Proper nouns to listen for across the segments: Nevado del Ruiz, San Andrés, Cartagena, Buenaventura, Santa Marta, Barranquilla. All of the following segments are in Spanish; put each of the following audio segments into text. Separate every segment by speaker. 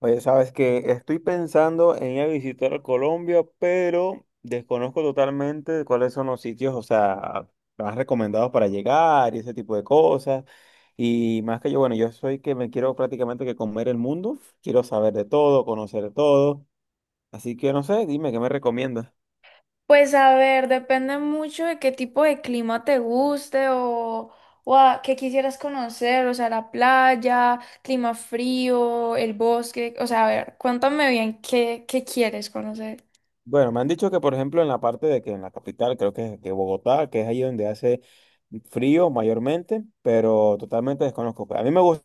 Speaker 1: Oye, sabes que estoy pensando en ir a visitar a Colombia, pero desconozco totalmente cuáles son los sitios, o sea, más recomendados para llegar y ese tipo de cosas. Y más que yo, bueno, yo soy que me quiero prácticamente que comer el mundo, quiero saber de todo, conocer de todo. Así que no sé, dime, ¿qué me recomiendas?
Speaker 2: Pues a ver, depende mucho de qué tipo de clima te guste o a qué quisieras conocer, o sea, la playa, clima frío, el bosque, o sea, a ver, cuéntame bien qué quieres conocer.
Speaker 1: Bueno, me han dicho que, por ejemplo, en la parte de que en la capital, creo que Bogotá, que es ahí donde hace frío mayormente, pero totalmente desconozco. A mí me gusta.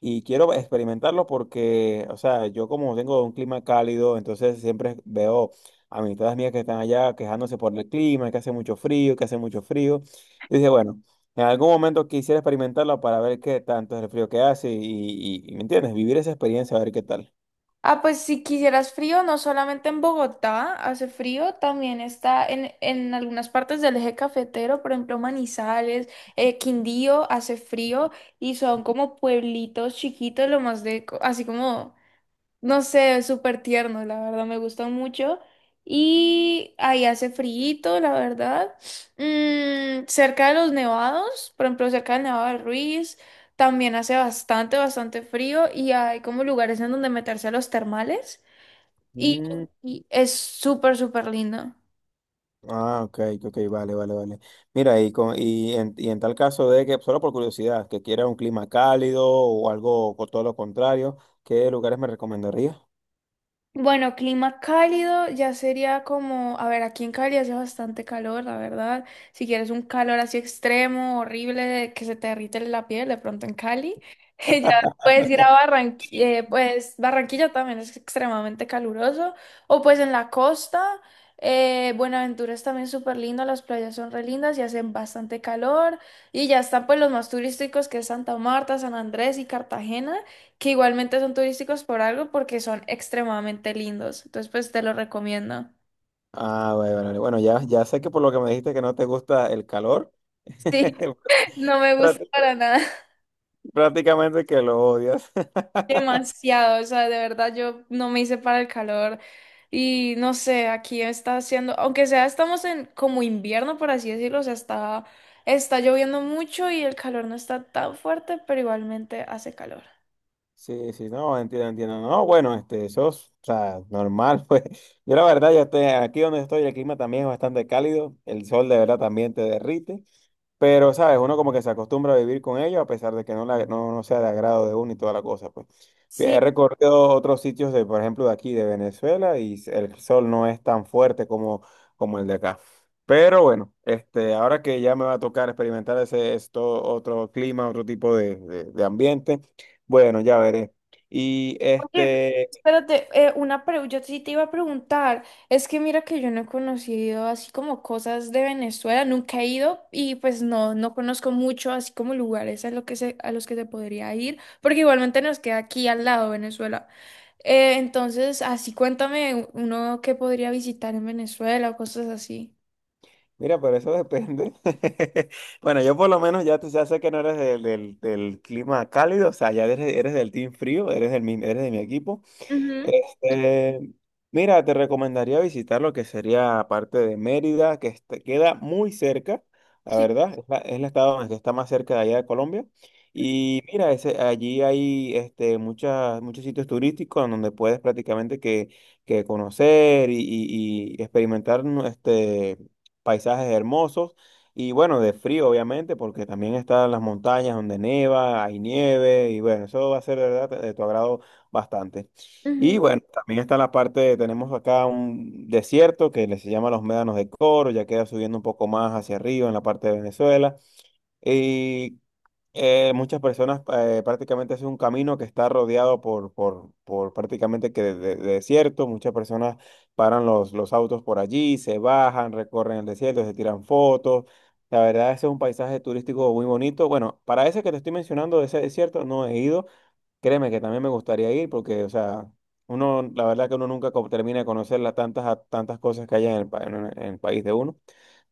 Speaker 1: Y quiero experimentarlo porque, o sea, yo como tengo un clima cálido, entonces siempre veo a amistades mías que están allá quejándose por el clima, que hace mucho frío, que hace mucho frío. Y dije, bueno, en algún momento quisiera experimentarlo para ver qué tanto es el frío que hace ¿me entiendes? Vivir esa experiencia, a ver qué tal.
Speaker 2: Ah, pues si quisieras frío, no solamente en Bogotá hace frío, también está en algunas partes del eje cafetero, por ejemplo, Manizales, Quindío hace frío y son como pueblitos chiquitos, lo más así como... No sé, es súper tierno, la verdad, me gusta mucho. Y ahí hace frío la verdad. Mm, cerca de los nevados, por ejemplo, cerca del Nevado del Ruiz, también hace bastante, bastante frío y hay como lugares en donde meterse a los termales. Y,
Speaker 1: Mm,
Speaker 2: y es súper, súper lindo.
Speaker 1: ah, ok, ok, vale, vale, vale. Mira, y en tal caso de que, solo por curiosidad, que quiera un clima cálido o algo, o todo lo contrario, ¿qué lugares me recomendarías?
Speaker 2: Bueno, clima cálido ya sería como, a ver, aquí en Cali hace bastante calor, la verdad. Si quieres un calor así extremo, horrible, de que se te derrite la piel, de pronto en Cali, ya puedes ir a Barranquilla, pues Barranquilla también es extremadamente caluroso, o pues en la costa, Buenaventura es también súper lindo, las playas son re lindas y hacen bastante calor, y ya están pues los más turísticos que es Santa Marta, San Andrés y Cartagena que igualmente son turísticos por algo porque son extremadamente lindos. Entonces, pues te lo recomiendo.
Speaker 1: Ah, vale, vale, vale. Bueno, ya sé que por lo que me dijiste que no te gusta el calor,
Speaker 2: Sí, no me gusta
Speaker 1: prácti-
Speaker 2: para nada.
Speaker 1: prácticamente que lo odias.
Speaker 2: Demasiado, o sea, de verdad yo no me hice para el calor y no sé, aquí está haciendo, aunque sea estamos en como invierno, por así decirlo, o sea, está lloviendo mucho y el calor no está tan fuerte, pero igualmente hace calor.
Speaker 1: Sí, sí, no, entiendo, entiendo. No, bueno, este, eso es, o sea, normal, pues. Yo la verdad, yo estoy aquí donde estoy, el clima también es bastante cálido, el sol de verdad también te derrite, pero, ¿sabes? Uno como que se acostumbra a vivir con ello, a pesar de que no sea de agrado de uno y toda la cosa, pues.
Speaker 2: Sí.
Speaker 1: He recorrido otros sitios de, por ejemplo, de aquí, de Venezuela, y el sol no es tan fuerte como el de acá. Pero bueno, este, ahora que ya me va a tocar experimentar ese, esto, otro clima, otro tipo de ambiente. Bueno, ya veré. Y
Speaker 2: Oye,
Speaker 1: este,
Speaker 2: espérate, yo sí te iba a preguntar, es que mira que yo no he conocido así como cosas de Venezuela, nunca he ido y pues no conozco mucho así como lugares a, lo que se, a los que se podría ir, porque igualmente nos queda aquí al lado Venezuela. Entonces, así cuéntame uno que podría visitar en Venezuela o cosas así.
Speaker 1: mira, pero eso depende. Bueno, yo por lo menos ya, tú ya sé que no eres del clima cálido, o sea, ya eres del team frío, eres de mi equipo.
Speaker 2: Ujú,
Speaker 1: Este, mira, te recomendaría visitar lo que sería parte de Mérida, que queda muy cerca, la
Speaker 2: sí.
Speaker 1: verdad, es el estado donde está más cerca de allá de Colombia.
Speaker 2: Ujú,
Speaker 1: Y mira, ese, allí hay muchas, muchos sitios turísticos en donde puedes prácticamente que conocer y experimentar ¿no? Paisajes hermosos. Y bueno, de frío, obviamente, porque también están las montañas donde neva, hay nieve, y bueno, eso va a ser de verdad de tu agrado bastante. Y
Speaker 2: ujú,
Speaker 1: bueno, también está la parte, tenemos acá un desierto que se llama los Médanos de Coro, ya queda subiendo un poco más hacia arriba en la parte de Venezuela. Y muchas personas prácticamente es un camino que está rodeado por prácticamente que de desierto. Muchas personas paran los autos por allí, se bajan, recorren el desierto, se tiran fotos. La verdad, ese es un paisaje turístico muy bonito. Bueno, para ese que te estoy mencionando, de ese desierto, no he ido. Créeme que también me gustaría ir porque, o sea, uno, la verdad que uno nunca termina de conocer las tantas cosas que hay en el, pa- en el país de uno,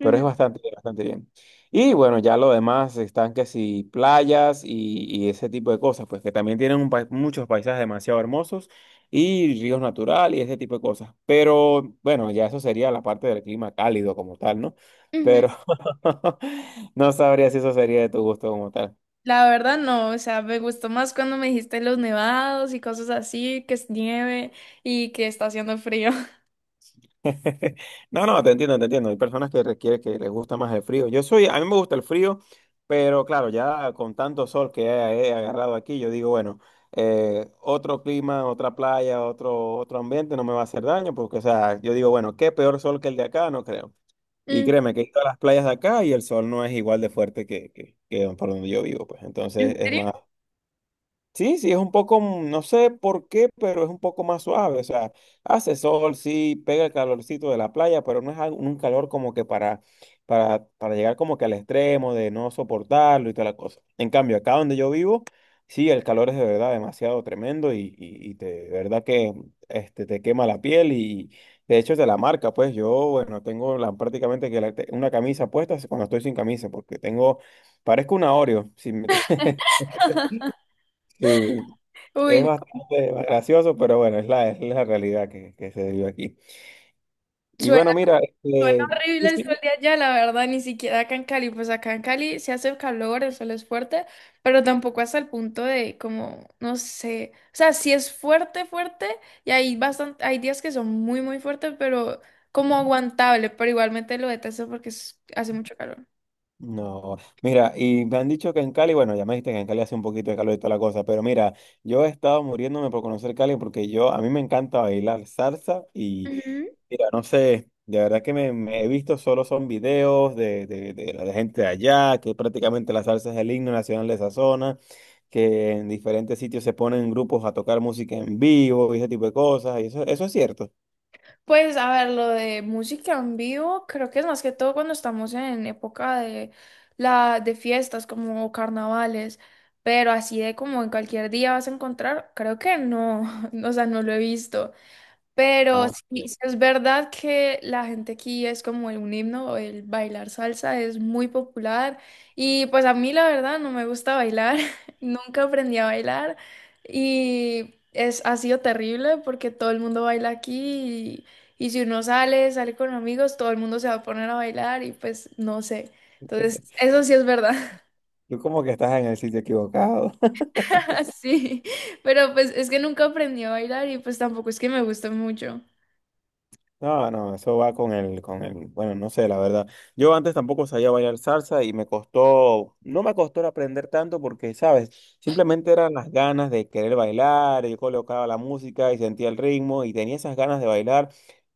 Speaker 1: pero
Speaker 2: ujú,
Speaker 1: es bastante, bastante bien. Y bueno, ya lo demás están que si playas y ese tipo de cosas, pues que también tienen muchos paisajes demasiado hermosos y ríos naturales y ese tipo de cosas. Pero bueno, ya eso sería la parte del clima cálido como tal, ¿no?
Speaker 2: ujú.
Speaker 1: Pero no sabría si eso sería de tu gusto como tal.
Speaker 2: La verdad no, o sea, me gustó más cuando me dijiste los nevados y cosas así, que es nieve y que está haciendo frío.
Speaker 1: No, no, te entiendo, te entiendo. Hay personas que requiere que les gusta más el frío. Yo soy, a mí me gusta el frío, pero claro, ya con tanto sol que he agarrado aquí, yo digo, bueno, otro clima, otra playa, otro ambiente no me va a hacer daño, porque, o sea, yo digo, bueno, qué peor sol que el de acá, no creo. Y
Speaker 2: Mm.
Speaker 1: créeme que he ido a las playas de acá y el sol no es igual de fuerte que por donde yo vivo, pues. Entonces
Speaker 2: ¿En
Speaker 1: es
Speaker 2: serio?
Speaker 1: más, sí, sí, es un poco, no sé por qué, pero es un poco más suave. O sea, hace sol, sí, pega el calorcito de la playa, pero no es un calor como que para llegar como que al extremo de no soportarlo y toda la cosa. En cambio, acá donde yo vivo, sí, el calor es de verdad demasiado tremendo de verdad que te quema la piel y de hecho es de la marca. Pues yo, bueno, tengo la, prácticamente que una camisa puesta cuando estoy sin camisa, porque parezco un Oreo. Si me, sí,
Speaker 2: Uy,
Speaker 1: es
Speaker 2: no,
Speaker 1: bastante gracioso, pero bueno, es la realidad que se vive aquí. Y
Speaker 2: suena,
Speaker 1: bueno, mira,
Speaker 2: suena
Speaker 1: sí,
Speaker 2: horrible el sol
Speaker 1: sí,
Speaker 2: de allá, la verdad, ni siquiera acá en Cali, pues acá en Cali se hace calor, el sol es fuerte, pero tampoco hasta el punto de como, no sé, o sea, sí es fuerte, fuerte, y hay bastante, hay días que son muy, muy fuertes, pero como aguantable, pero igualmente lo detesto porque hace mucho calor.
Speaker 1: no, mira, y me han dicho que en Cali, bueno, ya me dijiste que en Cali hace un poquito de calor y toda la cosa, pero mira, yo he estado muriéndome por conocer Cali porque a mí me encanta bailar salsa y mira, no sé, de verdad que me he visto solo son videos de la gente de allá, que prácticamente la salsa es el himno nacional de esa zona, que en diferentes sitios se ponen grupos a tocar música en vivo y ese tipo de cosas, y eso es cierto.
Speaker 2: Pues a ver, lo de música en vivo, creo que es más que todo cuando estamos en época de la de fiestas como carnavales, pero así de como en cualquier día vas a encontrar, creo que no, o sea, no lo he visto.
Speaker 1: Ah,
Speaker 2: Pero sí,
Speaker 1: ok.
Speaker 2: sí es verdad que la gente aquí es como el un himno, el bailar salsa es muy popular y pues a mí la verdad no me gusta bailar, nunca aprendí a bailar y es, ha sido terrible porque todo el mundo baila aquí y si uno sale, sale con amigos, todo el mundo se va a poner a bailar y pues no sé. Entonces, eso sí es verdad,
Speaker 1: Tú como que estás en el sitio equivocado.
Speaker 2: sí, pero pues es que nunca aprendí a bailar y pues tampoco es que me guste mucho.
Speaker 1: No, no, eso va con el, bueno, no sé, la verdad. Yo antes tampoco sabía bailar salsa y me costó, no me costó aprender tanto porque, ¿sabes? Simplemente eran las ganas de querer bailar, yo colocaba la música y sentía el ritmo y tenía esas ganas de bailar,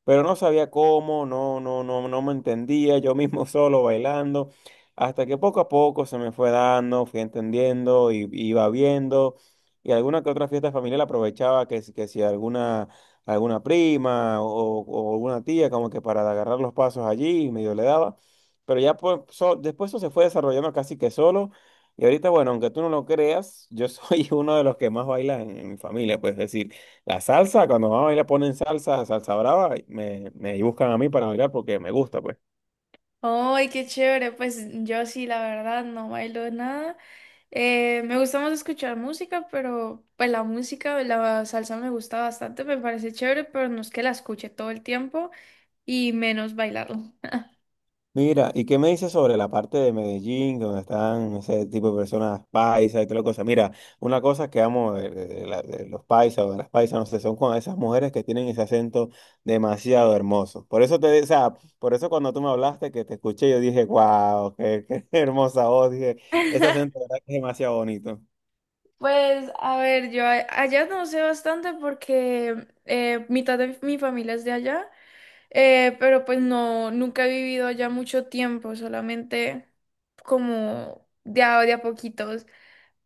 Speaker 1: pero no sabía cómo, no, no, no, no me entendía, yo mismo solo bailando, hasta que poco a poco se me fue dando, fui entendiendo y iba viendo. Y alguna que otra fiesta familiar aprovechaba que, que si alguna prima o alguna tía, como que para agarrar los pasos allí, y medio le daba. Pero ya pues, después eso se fue desarrollando casi que solo. Y ahorita, bueno, aunque tú no lo creas, yo soy uno de los que más baila en mi familia. Pues es decir, la salsa, cuando vamos a bailar ponen salsa, salsa brava, y me buscan a mí para bailar porque me gusta, pues.
Speaker 2: Ay, qué chévere. Pues yo sí, la verdad, no bailo nada. Me gusta más escuchar música, pero pues la música, la salsa me gusta bastante, me parece chévere, pero no es que la escuche todo el tiempo y menos bailarla.
Speaker 1: Mira, ¿y qué me dices sobre la parte de Medellín, donde están ese tipo de personas paisas y toda la cosa? Mira, una cosa que amo de los paisas o de las paisas, no sé, son con esas mujeres que tienen ese acento demasiado hermoso. O sea, por eso cuando tú me hablaste, que te escuché, yo dije, wow, qué hermosa voz, dije, ese acento de verdad que es demasiado bonito.
Speaker 2: Pues a ver, yo allá no sé bastante porque mitad de mi familia es de allá, pero pues no, nunca he vivido allá mucho tiempo, solamente como de a poquitos.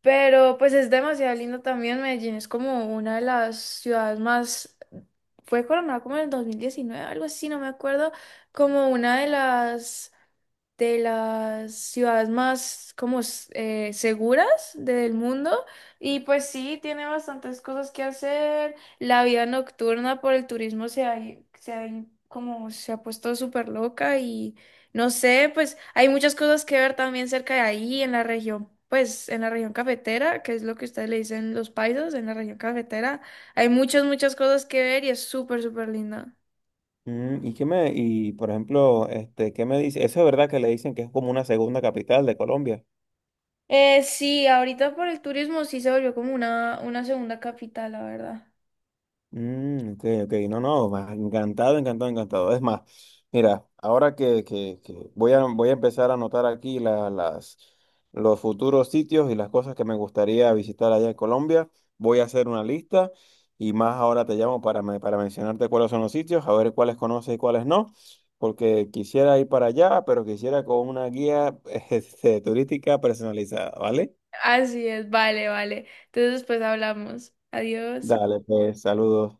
Speaker 2: Pero pues es demasiado lindo también. Medellín es como una de las ciudades más... Fue coronada como en el 2019 algo así, no me acuerdo. Como una de las ciudades más seguras del mundo y pues sí, tiene bastantes cosas que hacer. La vida nocturna por el turismo se ha como se ha puesto súper loca y no sé, pues hay muchas cosas que ver también cerca de ahí en la región. Pues en la región cafetera, que es lo que ustedes le dicen los paisas, en la región cafetera, hay muchas, muchas cosas que ver y es súper, súper linda.
Speaker 1: ¿Y y por ejemplo, qué me dice? Eso es verdad que le dicen que es como una segunda capital de Colombia.
Speaker 2: Sí, ahorita por el turismo sí se volvió como una segunda capital, la verdad.
Speaker 1: Ok, ok, no, no, encantado, encantado, encantado. Es más, mira, ahora que voy a empezar a anotar aquí los futuros sitios y las cosas que me gustaría visitar allá en Colombia, voy a hacer una lista y más ahora te llamo para mencionarte cuáles son los sitios, a ver cuáles conoces y cuáles no, porque quisiera ir para allá, pero quisiera con una guía turística personalizada, ¿vale?
Speaker 2: Así es, vale, vale. Entonces después hablamos. Adiós.
Speaker 1: Dale, pues, saludos.